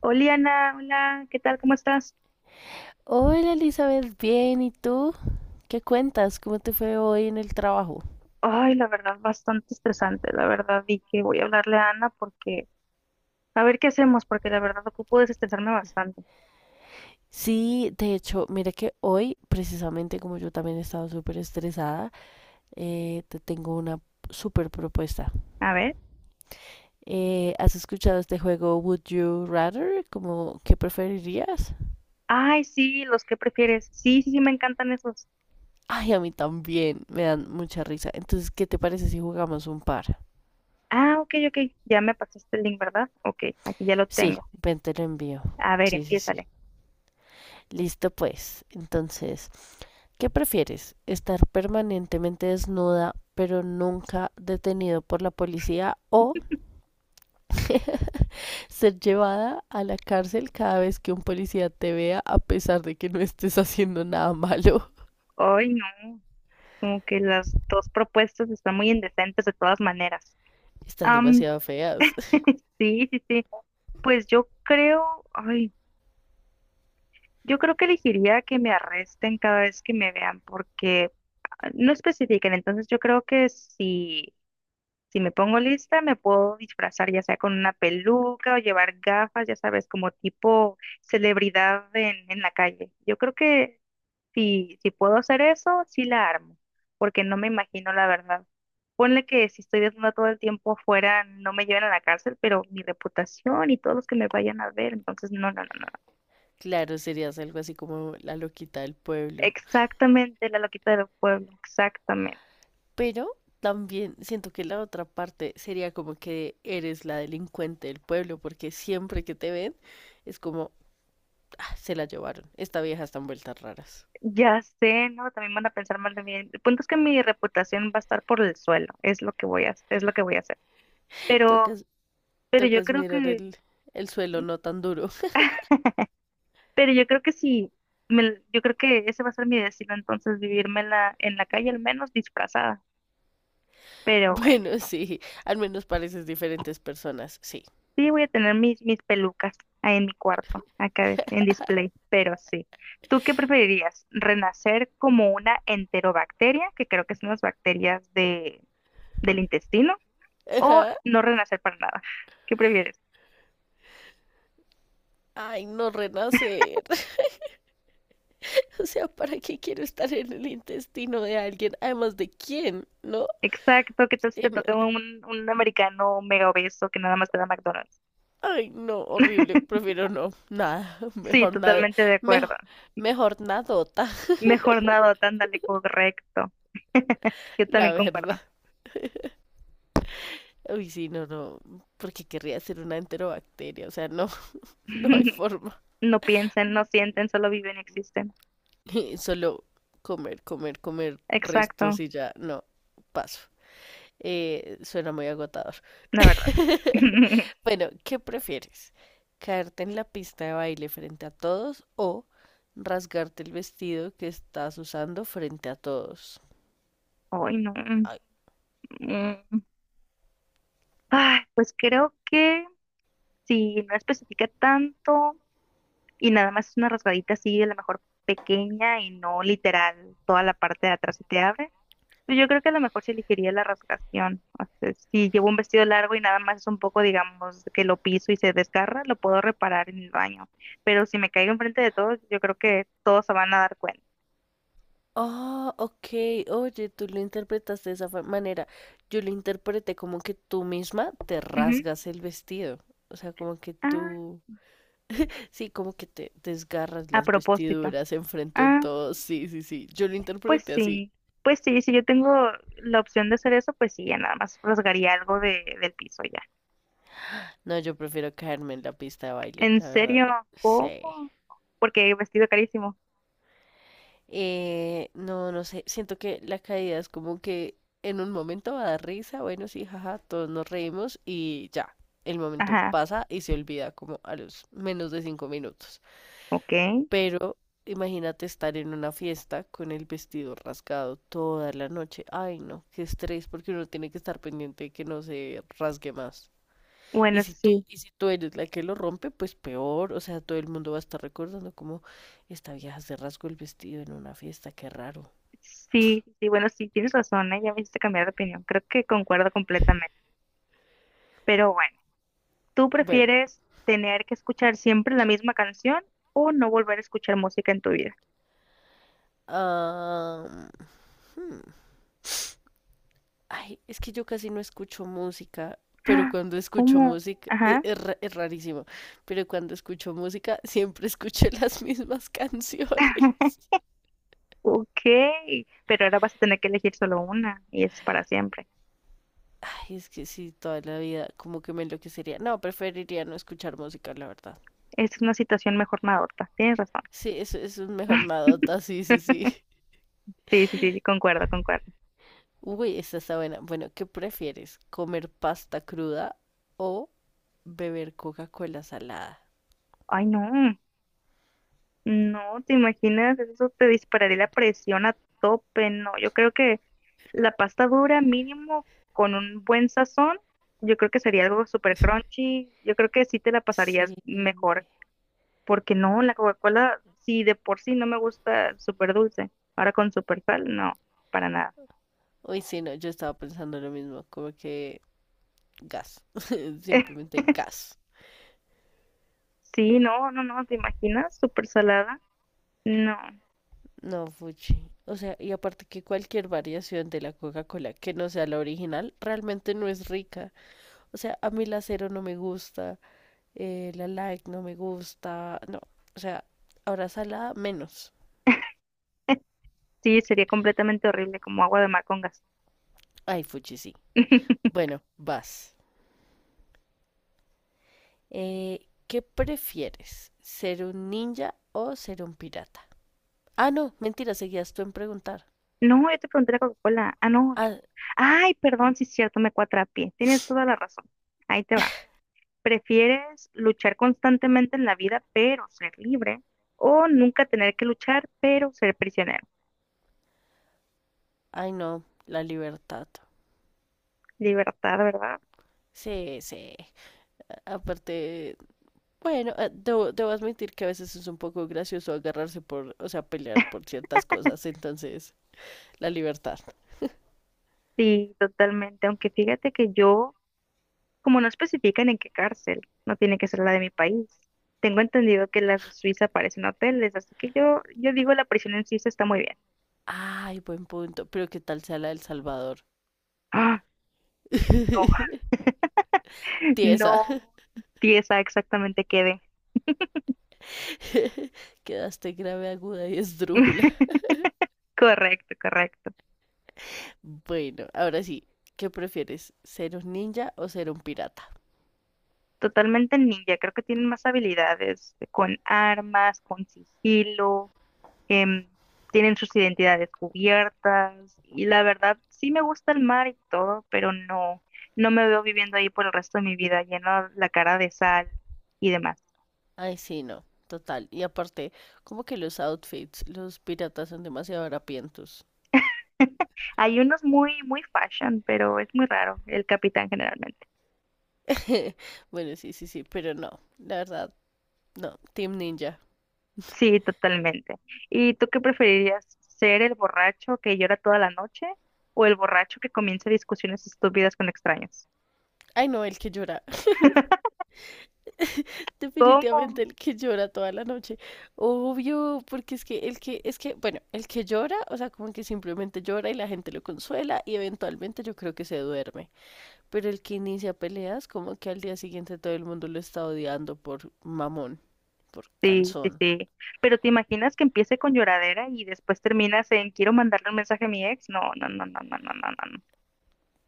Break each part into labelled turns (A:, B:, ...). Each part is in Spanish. A: Hola Ana, hola, ¿qué tal? ¿Cómo estás?
B: Hola Elizabeth, bien, ¿y tú? ¿Qué cuentas? ¿Cómo te fue hoy en el trabajo?
A: Ay, la verdad, bastante estresante, la verdad, y que voy a hablarle a Ana porque, a ver qué hacemos, porque la verdad ocupo desestresarme bastante.
B: Sí, de hecho, mira que hoy, precisamente como yo también he estado súper estresada, te tengo una súper propuesta.
A: A ver.
B: ¿Has escuchado este juego Would You Rather? Como, ¿qué preferirías?
A: Ay, sí, los que prefieres. Sí, sí, sí, me encantan esos.
B: Ay, a mí también, me dan mucha risa. Entonces, ¿qué te parece si jugamos un par?
A: Ah, ok, ok, ya me pasaste el link, ¿verdad? Ok, aquí ya lo
B: Sí,
A: tengo.
B: ven, te lo envío.
A: A ver,
B: Sí, sí, sí.
A: empiézale.
B: Listo, pues. Entonces, ¿qué prefieres? ¿Estar permanentemente desnuda pero nunca detenido por la policía o ser llevada a la cárcel cada vez que un policía te vea a pesar de que no estés haciendo nada malo?
A: Ay, no, como que las dos propuestas están muy indecentes de todas maneras.
B: Están
A: Am,
B: demasiado feas.
A: sí, sí, sí. Pues yo creo, ay. Yo creo que elegiría que me arresten cada vez que me vean porque no especifican, entonces yo creo que si me pongo lista me puedo disfrazar ya sea con una peluca o llevar gafas, ya sabes, como tipo celebridad en la calle. Yo creo que si puedo hacer eso, sí la armo, porque no me imagino la verdad. Ponle que si estoy desnuda todo el tiempo afuera, no me lleven a la cárcel, pero mi reputación y todos los que me vayan a ver, entonces no, no, no, no.
B: Claro, serías algo así como la loquita del pueblo.
A: Exactamente, la loquita del pueblo, exactamente.
B: Pero también siento que la otra parte sería como que eres la delincuente del pueblo porque siempre que te ven es como ah, se la llevaron. Esta vieja está en vueltas raras.
A: Ya sé, ¿no? También van a pensar mal de mí. El punto es que mi reputación va a estar por el suelo, es lo que voy a hacer. Pero,
B: Tocas
A: pero
B: Tocas mirar el suelo
A: sí,
B: no tan duro.
A: pero yo creo que sí, yo creo que ese va a ser mi destino, entonces vivirme en la, calle, al menos disfrazada. Pero bueno,
B: Bueno, sí, al menos pareces diferentes personas, sí.
A: sí voy a tener mis pelucas ahí en mi cuarto, acá en display, pero sí. ¿Tú qué preferirías? ¿Renacer como una enterobacteria, que creo que son las bacterias del intestino o
B: Ajá.
A: no renacer para nada? ¿Qué prefieres?
B: Ay, no renacer. O sea, ¿para qué quiero estar en el intestino de alguien? Además de quién, ¿no?
A: Exacto, ¿qué tal si
B: Em,
A: te toca un americano mega obeso que nada más te da McDonald's?
B: ay, no, horrible. Prefiero no. Nada.
A: Sí,
B: Mejor nada.
A: totalmente de acuerdo.
B: Mejor, mejor nadota,
A: Mejor nada, ándale, correcto. Yo
B: la
A: también concuerdo.
B: verdad. Uy, sí, no, no. Porque querría ser una enterobacteria. O sea, no, no hay forma.
A: No piensen, no sienten, solo viven y existen.
B: Solo comer, comer, comer
A: Exacto,
B: restos y ya, no, paso. Suena muy agotador.
A: la verdad.
B: Bueno, ¿qué prefieres? ¿Caerte en la pista de baile frente a todos o rasgarte el vestido que estás usando frente a todos?
A: Ay, no.
B: Ay.
A: Mm. Ay, pues creo que si no especifica tanto. Y nada más es una rasgadita así, a lo mejor pequeña y no literal, toda la parte de atrás se te abre. Pues yo creo que a lo mejor se elegiría la rasgación. O sea, si llevo un vestido largo y nada más es un poco, digamos, que lo piso y se desgarra, lo puedo reparar en el baño. Pero si me caigo enfrente de todos, yo creo que todos se van a dar cuenta.
B: Ah, ok, oye, tú lo interpretaste de esa manera. Yo lo interpreté como que tú misma te
A: Ujú.
B: rasgas el vestido. O sea, como que
A: Ah,
B: tú... Sí, como que te desgarras
A: a
B: las
A: propósito.
B: vestiduras enfrente de
A: Ah,
B: todos. Sí, sí, sí. Yo lo
A: pues
B: interpreté así.
A: sí. Pues sí, si yo tengo la opción de hacer eso, pues sí, ya nada más rasgaría algo del piso ya.
B: No, yo prefiero caerme en la pista de baile,
A: En
B: la verdad.
A: serio, ¿cómo?
B: Sí.
A: Porque vestido carísimo.
B: No, no sé. Siento que la caída es como que en un momento va a dar risa. Bueno, sí, jaja, todos nos reímos y ya. El momento
A: Ajá,
B: pasa y se olvida como a los menos de cinco minutos.
A: ok.
B: Pero imagínate estar en una fiesta con el vestido rasgado toda la noche. Ay, no, qué estrés, porque uno tiene que estar pendiente de que no se rasgue más. Y
A: Bueno,
B: si tú,
A: sí,
B: y si tú eres la que lo rompe, pues peor. O sea, todo el mundo va a estar recordando como esta vieja se rasgó el vestido en una fiesta, qué raro.
A: sí, sí, bueno, sí, tienes razón, ¿eh? Ya me hiciste cambiar de opinión. Creo que concuerdo completamente. Pero bueno, ¿tú
B: Bueno,
A: prefieres tener que escuchar siempre la misma canción o no volver a escuchar música en tu vida?
B: ah, hmm. Ay, es que yo casi no escucho música, pero
A: Ah,
B: cuando escucho
A: ¿cómo?
B: música,
A: Ajá.
B: es, es rarísimo, pero cuando escucho música siempre escucho las mismas canciones.
A: Ok, pero ahora vas a tener que elegir solo una y eso es para siempre.
B: Ay, es que sí, toda la vida como que me enloquecería. No, preferiría no escuchar música, la verdad.
A: Es una situación mejor nada. Tienes razón.
B: Sí, eso es mejor nadota, sí, sí, sí.
A: Sí, sí, sí, sí, concuerdo, concuerdo.
B: Uy, esta está buena. Bueno, ¿qué prefieres? ¿Comer pasta cruda o beber Coca-Cola salada?
A: Ay, no. No, ¿te imaginas? Eso te dispararía la presión a tope. No, yo creo que la pasta dura mínimo con un buen sazón, yo creo que sería algo súper crunchy. Yo creo que sí te la
B: Sí.
A: pasarías mejor, porque no, la Coca-Cola, sí de por sí no me gusta súper dulce, ahora con súper sal, no, para nada.
B: Uy, sí, no, yo estaba pensando lo mismo, como que gas, simplemente gas.
A: Sí, no, no, no, ¿te imaginas? Súper salada. No,
B: No, fuchi. O sea, y aparte que cualquier variación de la Coca-Cola que no sea la original realmente no es rica. O sea, a mí la cero no me gusta, la like no me gusta, no. O sea, ahora salada menos.
A: sí, sería completamente horrible, como agua de mar con gas.
B: Ay, fuchi, sí. Bueno, vas. ¿Qué prefieres? ¿Ser un ninja o ser un pirata? Ah, no, mentira, seguías tú en preguntar.
A: No, yo te pregunté la Coca-Cola. Ah, no, yo.
B: Ah,
A: Ay, perdón, sí es cierto, me cuatrapié. Tienes toda la razón. Ahí te va. ¿Prefieres luchar constantemente en la vida, pero ser libre? ¿O nunca tener que luchar, pero ser prisionero?
B: ay, no, la libertad.
A: Libertad, ¿verdad?
B: Sí, sí, aparte, bueno, debo admitir que a veces es un poco gracioso agarrarse por, o sea, pelear por ciertas cosas. Entonces, la libertad.
A: Sí, totalmente. Aunque fíjate que yo, como no especifican en qué cárcel, no tiene que ser la de mi país. Tengo entendido que las de Suiza parecen hoteles, así que yo, digo la prisión en Suiza está muy bien.
B: Ay, buen punto. Pero qué tal sea la del Salvador.
A: Ah, no,
B: Tiesa,
A: no. Sí, esa exactamente quede.
B: quedaste grave, aguda y esdrújula.
A: Correcto, correcto.
B: Bueno, ahora sí, ¿qué prefieres? ¿Ser un ninja o ser un pirata?
A: Totalmente ninja. Creo que tienen más habilidades con armas, con sigilo, em, tienen sus identidades cubiertas. Y la verdad, sí me gusta el mar y todo, pero no, no me veo viviendo ahí por el resto de mi vida, lleno la cara de sal y demás.
B: Ay, sí, no, total. Y aparte, como que los outfits, los piratas son demasiado harapientos.
A: Hay unos muy, muy fashion, pero es muy raro, el capitán generalmente.
B: Bueno, sí, sí, sí, pero no, la verdad, no, Team Ninja.
A: Sí, totalmente. ¿Y tú qué preferirías? ¿Ser el borracho que llora toda la noche o el borracho que comienza discusiones estúpidas con extraños?
B: Ay, no, el que llora.
A: ¿Cómo?
B: Definitivamente el que llora toda la noche. Obvio, porque es que bueno, el que llora, o sea, como que simplemente llora y la gente lo consuela y eventualmente yo creo que se duerme. Pero el que inicia peleas, como que al día siguiente todo el mundo lo está odiando por mamón, por
A: Sí, sí,
B: cansón.
A: sí. Pero ¿te imaginas que empiece con lloradera y después terminas en quiero mandarle un mensaje a mi ex? No, no, no, no, no, no, no, no. No.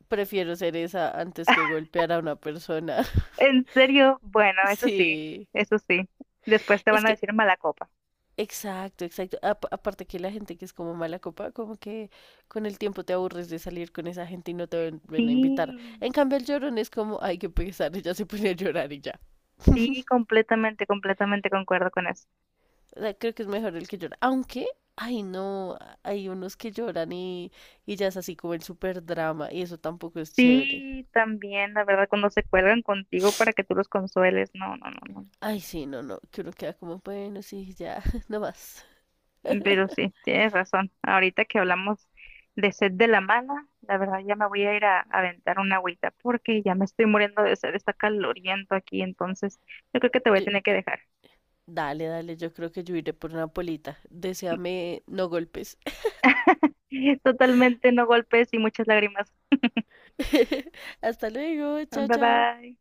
B: Prefiero ser esa antes que golpear a una persona.
A: En serio, bueno, eso sí,
B: Sí.
A: eso sí. Después te
B: Es
A: van a
B: que
A: decir mala copa.
B: exacto, exacto. Aparte que la gente que es como mala copa, como que con el tiempo te aburres de salir con esa gente y no te ven a invitar.
A: Sí,
B: En cambio, el llorón es como, ay, qué pesar, ella se pone a llorar y ya.
A: sí, completamente, completamente concuerdo con eso.
B: O sea, creo que es mejor el que llora. Aunque, ay, no, hay unos que lloran y ya es así como el super drama y eso tampoco es chévere.
A: Sí, también, la verdad, cuando se cuelgan contigo para que tú los consueles, no, no, no, no.
B: Ay, sí, no, no, que uno queda como, bueno, sí, ya, no más.
A: Pero sí, tienes razón. Ahorita que hablamos de sed de la mala, la verdad ya me voy a ir a aventar una agüita porque ya me estoy muriendo de sed, está caloriento aquí, entonces yo creo que te voy a
B: Yo-
A: tener que dejar.
B: dale, dale, yo creo que yo iré por una polita. Deseame no golpes.
A: Totalmente no golpes y muchas lágrimas.
B: Hasta luego, chao,
A: Bye
B: chao.
A: bye.